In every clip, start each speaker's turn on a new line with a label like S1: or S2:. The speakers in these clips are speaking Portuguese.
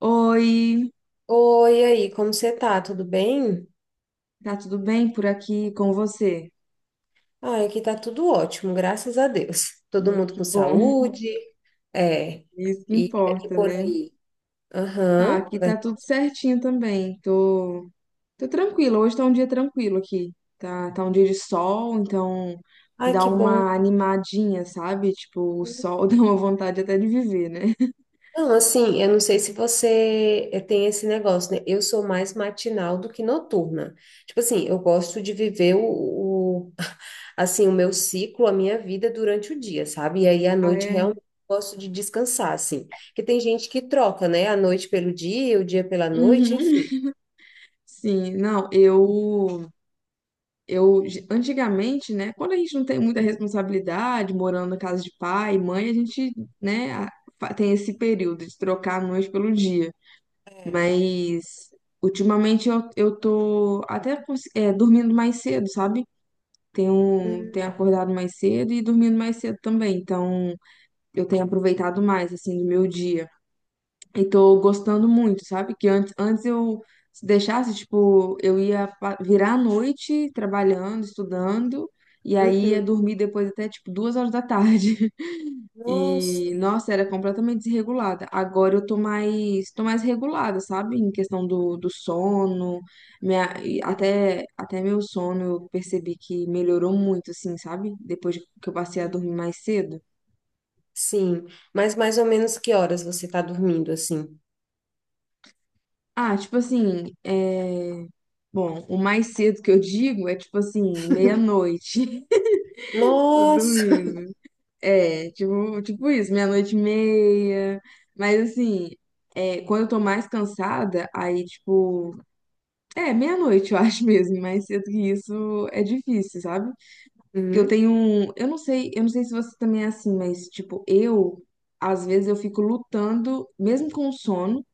S1: Oi,
S2: Oi, e aí, como você tá? Tudo bem?
S1: tá tudo bem por aqui com você?
S2: Ah, aqui tá tudo ótimo, graças a Deus. Todo
S1: Ai,
S2: mundo
S1: que
S2: com
S1: bom,
S2: saúde, é,
S1: isso que
S2: e aqui
S1: importa,
S2: por
S1: né?
S2: aí.
S1: Ah,
S2: Aham,
S1: aqui
S2: vai.
S1: tá tudo certinho também. Tô tranquila. Hoje tá um dia tranquilo aqui. Tá um dia de sol, então
S2: Ai,
S1: dá
S2: que bom.
S1: uma animadinha, sabe? Tipo, o sol dá uma vontade até de viver, né?
S2: Não, assim, eu não sei se você tem esse negócio, né? Eu sou mais matinal do que noturna. Tipo assim, eu gosto de viver o assim, o meu ciclo, a minha vida durante o dia, sabe? E aí à
S1: Ah,
S2: noite
S1: é?
S2: realmente eu gosto de descansar, assim. Porque tem gente que troca, né? A noite pelo dia, o dia pela noite, enfim.
S1: Uhum. Sim, não, eu, antigamente, né, quando a gente não tem muita responsabilidade, morando na casa de pai e mãe, a gente, né, tem esse período de trocar a noite pelo dia.
S2: É.
S1: Mas, ultimamente, eu tô até dormindo mais cedo, sabe? Tenho
S2: Uhum.
S1: acordado mais cedo e dormindo mais cedo também. Então, eu tenho aproveitado mais, assim, do meu dia. E tô gostando muito, sabe? Que antes eu se deixasse, tipo, eu ia virar a noite trabalhando, estudando, e aí ia
S2: Uhum.
S1: dormir depois até, tipo, 2 horas da tarde.
S2: Nossa.
S1: E, nossa, era completamente desregulada. Agora eu tô mais regulada, sabe? Em questão do sono, minha, e até meu sono eu percebi que melhorou muito, assim, sabe? Depois que eu passei a
S2: Uhum.
S1: dormir mais cedo.
S2: Sim. Mas mais ou menos que horas você tá dormindo, assim?
S1: Ah, tipo assim, bom, o mais cedo que eu digo é tipo assim, meia-noite, tô
S2: Nossa.
S1: dormindo. É, tipo, isso, meia-noite e meia. Mas assim, quando eu tô mais cansada, aí tipo, meia-noite eu acho mesmo, mais cedo que isso é difícil, sabe? Porque eu
S2: Uhum.
S1: tenho um, eu não sei se você também é assim, mas tipo, eu às vezes eu fico lutando, mesmo com sono,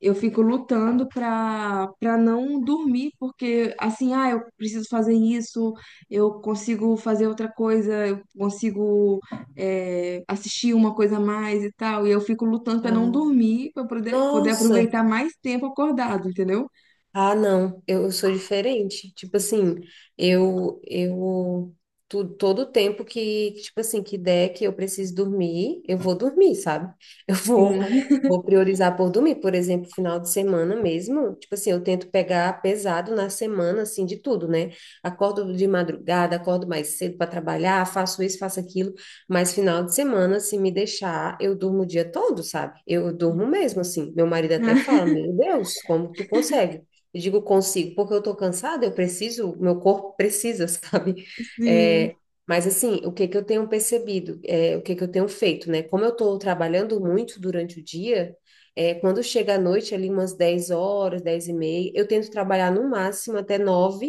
S1: eu fico lutando para não dormir, porque assim, ah, eu preciso fazer isso, eu consigo fazer outra coisa, eu consigo assistir uma coisa a mais e tal, e eu fico lutando para não
S2: Ah,
S1: dormir, para poder
S2: nossa.
S1: aproveitar mais tempo acordado, entendeu?
S2: Ah, não, eu sou diferente. Tipo assim, eu todo o tempo que, tipo assim, que der que eu preciso dormir, eu vou dormir, sabe? Eu vou
S1: Sim.
S2: eu vou priorizar por dormir, por exemplo, final de semana mesmo. Tipo assim, eu tento pegar pesado na semana assim de tudo, né? Acordo de madrugada, acordo mais cedo para trabalhar, faço isso, faço aquilo, mas final de semana, se me deixar, eu durmo o dia todo, sabe? Eu durmo mesmo assim. Meu marido até fala: "Meu Deus, como tu consegue?" Eu digo consigo, porque eu tô cansada, eu preciso, meu corpo precisa, sabe?
S1: Sim.
S2: É, mas assim, o que que eu tenho percebido, é, o que que eu tenho feito, né? Como eu tô trabalhando muito durante o dia, é, quando chega à noite, ali umas 10 horas, 10h30, eu tento trabalhar no máximo até nove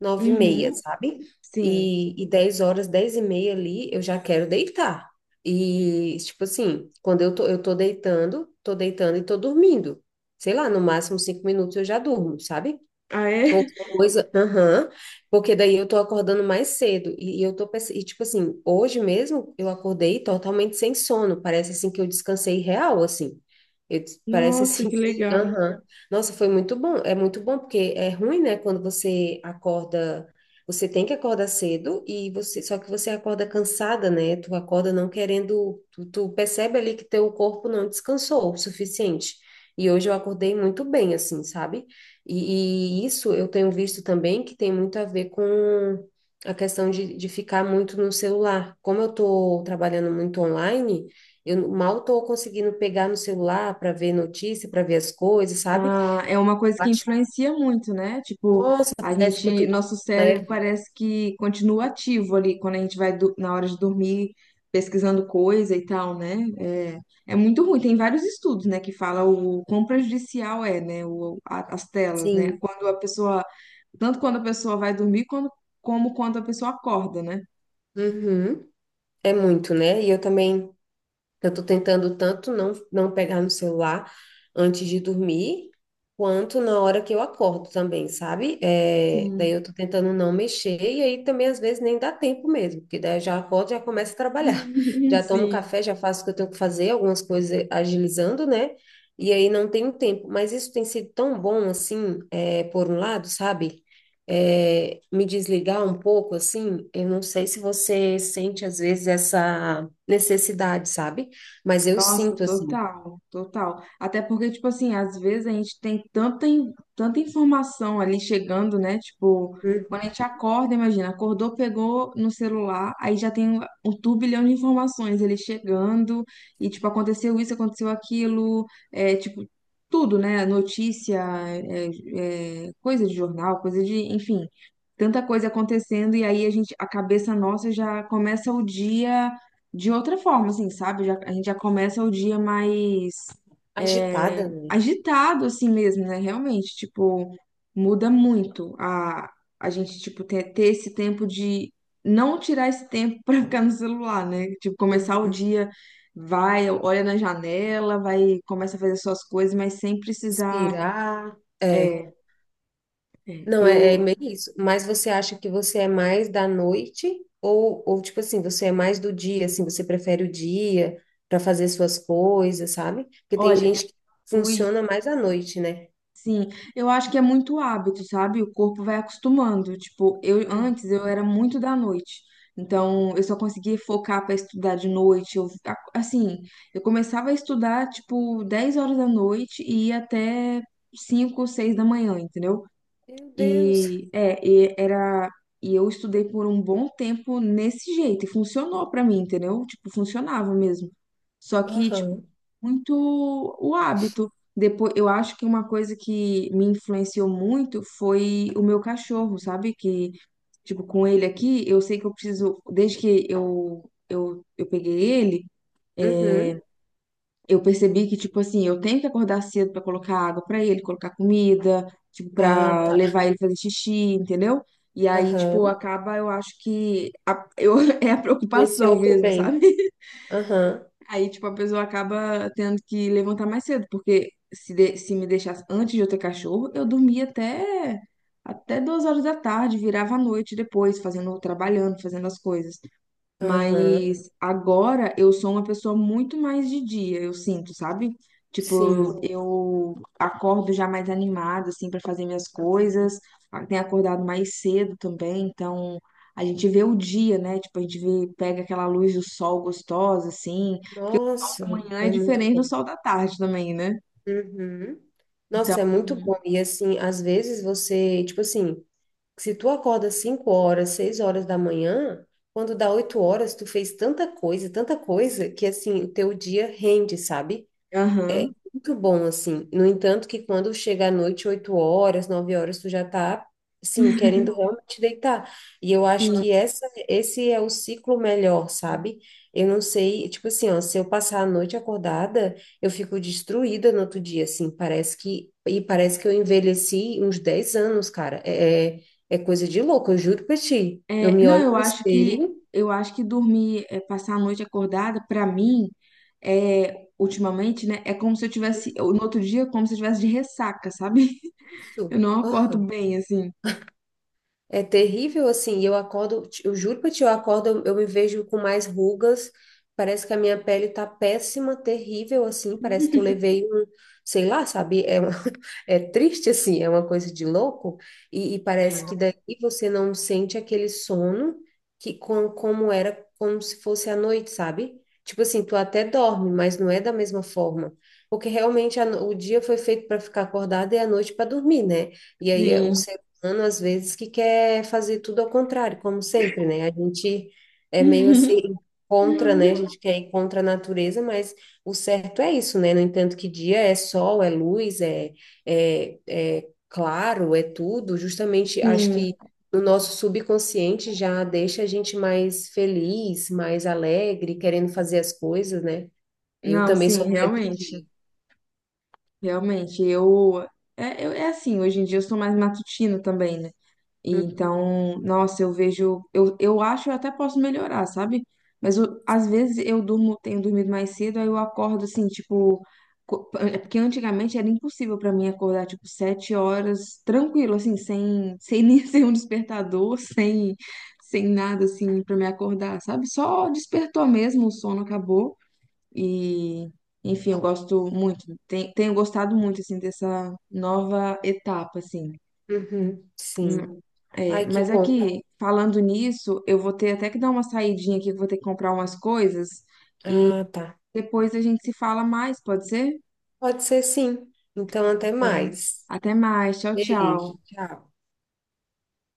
S2: nove e meia,
S1: Uhum.
S2: sabe?
S1: Sim.
S2: 10 horas, 10h30 ali, eu já quero deitar. E, tipo assim, quando eu tô deitando e tô dormindo sei lá, no máximo 5 minutos eu já durmo, sabe?
S1: Ah, é?
S2: Outra coisa, aham, porque daí eu tô acordando mais cedo e tipo assim, hoje mesmo eu acordei totalmente sem sono, parece assim que eu descansei real, assim, parece
S1: Nossa,
S2: assim
S1: que
S2: que,
S1: legal.
S2: aham, nossa, foi muito bom, é muito bom, porque é ruim, né, quando você acorda, você tem que acordar cedo e você, só que você acorda cansada, né, tu acorda não querendo, tu percebe ali que teu corpo não descansou o suficiente, e hoje eu acordei muito bem, assim, sabe? Isso eu tenho visto também que tem muito a ver com a questão de ficar muito no celular. Como eu estou trabalhando muito online, eu mal estou conseguindo pegar no celular para ver notícia, para ver as coisas, sabe?
S1: Ah, é uma coisa
S2: Eu
S1: que
S2: acho,
S1: influencia muito, né? Tipo,
S2: nossa,
S1: a
S2: parece que eu
S1: gente,
S2: estou
S1: nosso cérebro
S2: leve.
S1: parece que continua ativo ali quando a gente vai na hora de dormir pesquisando coisa e tal, né? É, é muito ruim. Tem vários estudos, né, que fala o quão prejudicial é, né, as telas, né?
S2: Sim.
S1: Quando a pessoa, tanto quando a pessoa vai dormir, quando, como quando a pessoa acorda, né?
S2: Uhum. É muito, né? E eu também. Eu tô tentando tanto não pegar no celular antes de dormir, quanto na hora que eu acordo também, sabe? É, daí
S1: Sim.
S2: eu tô tentando não mexer, e aí também às vezes nem dá tempo mesmo, porque daí eu já acordo, já começo a trabalhar. Já tomo
S1: Sim.
S2: café, já faço o que eu tenho que fazer, algumas coisas agilizando, né? E aí não tenho tempo. Mas isso tem sido tão bom, assim, é, por um lado, sabe? É, me desligar um pouco, assim, eu não sei se você sente às vezes essa necessidade, sabe? Mas eu
S1: Nossa,
S2: sinto assim,
S1: total, total. Até porque, tipo assim, às vezes a gente tem tanta informação ali chegando, né? Tipo,
S2: uhum,
S1: quando a gente acorda, imagina, acordou, pegou no celular, aí já tem um turbilhão de informações ele chegando, e tipo, aconteceu isso, aconteceu aquilo, é tipo, tudo, né? Notícia, é, coisa de jornal, coisa de, enfim, tanta coisa acontecendo, e aí a gente, a cabeça nossa já começa o dia de outra forma, assim, sabe? A gente já começa o dia mais
S2: agitada, né?
S1: agitado, assim mesmo, né? Realmente, tipo, muda muito a gente, tipo, ter esse tempo de não tirar esse tempo pra ficar no celular, né? Tipo, começar o
S2: Uhum.
S1: dia, vai, olha na janela, vai, começa a fazer suas coisas, mas sem precisar.
S2: Respirar. É.
S1: É, é.
S2: Não, é, é
S1: Eu,
S2: meio isso. Mas você acha que você é mais da noite? Ou, tipo assim, você é mais do dia, assim, você prefere o dia para fazer suas coisas, sabe? Porque tem
S1: olha, eu
S2: gente que
S1: fui.
S2: funciona mais à noite, né?
S1: Sim, eu acho que é muito hábito, sabe? O corpo vai acostumando. Tipo, eu
S2: Hum.
S1: antes eu era muito da noite. Então, eu só conseguia focar para estudar de noite. Eu, assim, eu começava a estudar tipo 10 horas da noite e ia até 5, 6 da manhã, entendeu?
S2: Meu Deus.
S1: E era, e eu estudei por um bom tempo nesse jeito, e funcionou pra mim, entendeu? Tipo, funcionava mesmo. Só que, tipo,
S2: Aham.
S1: muito o hábito. Depois, eu acho que uma coisa que me influenciou muito foi o meu cachorro, sabe? Que, tipo, com ele aqui, eu sei que eu preciso, desde que eu peguei ele,
S2: Uhum.
S1: eu percebi que, tipo assim, eu tenho que acordar cedo pra colocar água pra ele, colocar comida, tipo,
S2: Ah,
S1: pra
S2: tá.
S1: levar ele fazer xixi, entendeu? E aí, tipo,
S2: Aham.
S1: acaba, eu acho que eu, é a
S2: Influenciou
S1: preocupação
S2: pro
S1: mesmo,
S2: bem.
S1: sabe?
S2: Aham.
S1: Aí, tipo, a pessoa acaba tendo que levantar mais cedo, porque se me deixasse antes de eu ter cachorro, eu dormia até 2 horas da tarde, virava a noite depois, fazendo, trabalhando, fazendo as coisas.
S2: Aham.
S1: Mas agora eu sou uma pessoa muito mais de dia, eu sinto, sabe? Tipo,
S2: Sim.
S1: eu acordo já mais animada, assim, para fazer minhas
S2: Uhum.
S1: coisas. Ah, tenho acordado mais cedo também, então a gente vê o dia, né? Tipo, a gente vê, pega aquela luz do sol gostosa, assim, porque o sol
S2: Nossa,
S1: da manhã é
S2: é muito
S1: diferente do
S2: bom.
S1: sol da tarde também, né?
S2: Uhum.
S1: Então,
S2: Nossa, é muito bom. E assim, às vezes você, tipo assim, se tu acorda 5 horas, 6 horas da manhã, quando dá 8 horas, tu fez tanta coisa, que assim, o teu dia rende, sabe?
S1: aham,
S2: Muito bom, assim. No entanto, que quando chega à noite, 8 horas, 9 horas, tu já tá, assim, querendo realmente deitar. E eu acho
S1: sim.
S2: que esse é o ciclo melhor, sabe? Eu não sei, tipo assim, ó, se eu passar a noite acordada, eu fico destruída no outro dia, assim, parece que, e parece que eu envelheci uns 10 anos, cara. É coisa de louco, eu juro pra ti. Eu
S1: É,
S2: me
S1: não,
S2: olho
S1: eu
S2: no
S1: acho que
S2: espelho,
S1: eu acho que dormir, é, passar a noite acordada, pra mim, é, ultimamente, né, é como se eu tivesse, no outro dia, é como se eu tivesse de ressaca, sabe? Eu
S2: isso.
S1: não acordo
S2: Aham.
S1: bem, assim.
S2: É terrível, assim, e eu acordo, eu juro pra ti, eu acordo, eu me vejo com mais rugas, parece que a minha pele tá péssima, terrível, assim, parece que eu levei um, sei lá, sabe, é, é triste, assim, é uma coisa de louco, e parece que
S1: É,
S2: daí você não sente aquele sono que como era, como se fosse à noite, sabe? Tipo assim, tu até dorme, mas não é da mesma forma, porque realmente a no- o dia foi feito para ficar acordado e a noite para dormir, né? E aí é, o
S1: sim.
S2: humano, às vezes, que quer fazer tudo ao contrário, como sempre, né? A gente é meio assim contra, né? A
S1: Uhum.
S2: gente quer ir contra a natureza, mas o certo é isso, né? No entanto, que dia é sol, é luz, é claro, é tudo. Justamente, acho
S1: Sim.
S2: que o nosso subconsciente já deixa a gente mais feliz, mais alegre, querendo fazer as coisas, né? Eu
S1: Não,
S2: também
S1: sim,
S2: sou mais do
S1: realmente,
S2: dia.
S1: realmente. Eu é assim, hoje em dia eu sou mais matutina também, né? E então, nossa, eu vejo, eu acho que eu até posso melhorar, sabe? Mas às vezes eu durmo, tenho dormido mais cedo, aí eu acordo assim, tipo, é porque antigamente era impossível pra mim acordar tipo 7 horas tranquilo, assim, sem, sem nem ser um despertador, sem, sem nada assim pra me acordar, sabe? Só despertou mesmo, o sono acabou e enfim, eu gosto muito, tenho gostado muito assim dessa nova etapa assim.
S2: Uhum, sim.
S1: É,
S2: Ai, que
S1: mas
S2: bom.
S1: aqui, falando nisso, eu vou ter até que dar uma saidinha aqui, que eu vou ter que comprar umas coisas.
S2: Ah, tá.
S1: Depois a gente se fala mais, pode ser?
S2: Pode ser sim. Então, até
S1: Bem,
S2: mais.
S1: até mais. Tchau,
S2: Beijo,
S1: tchau.
S2: tchau.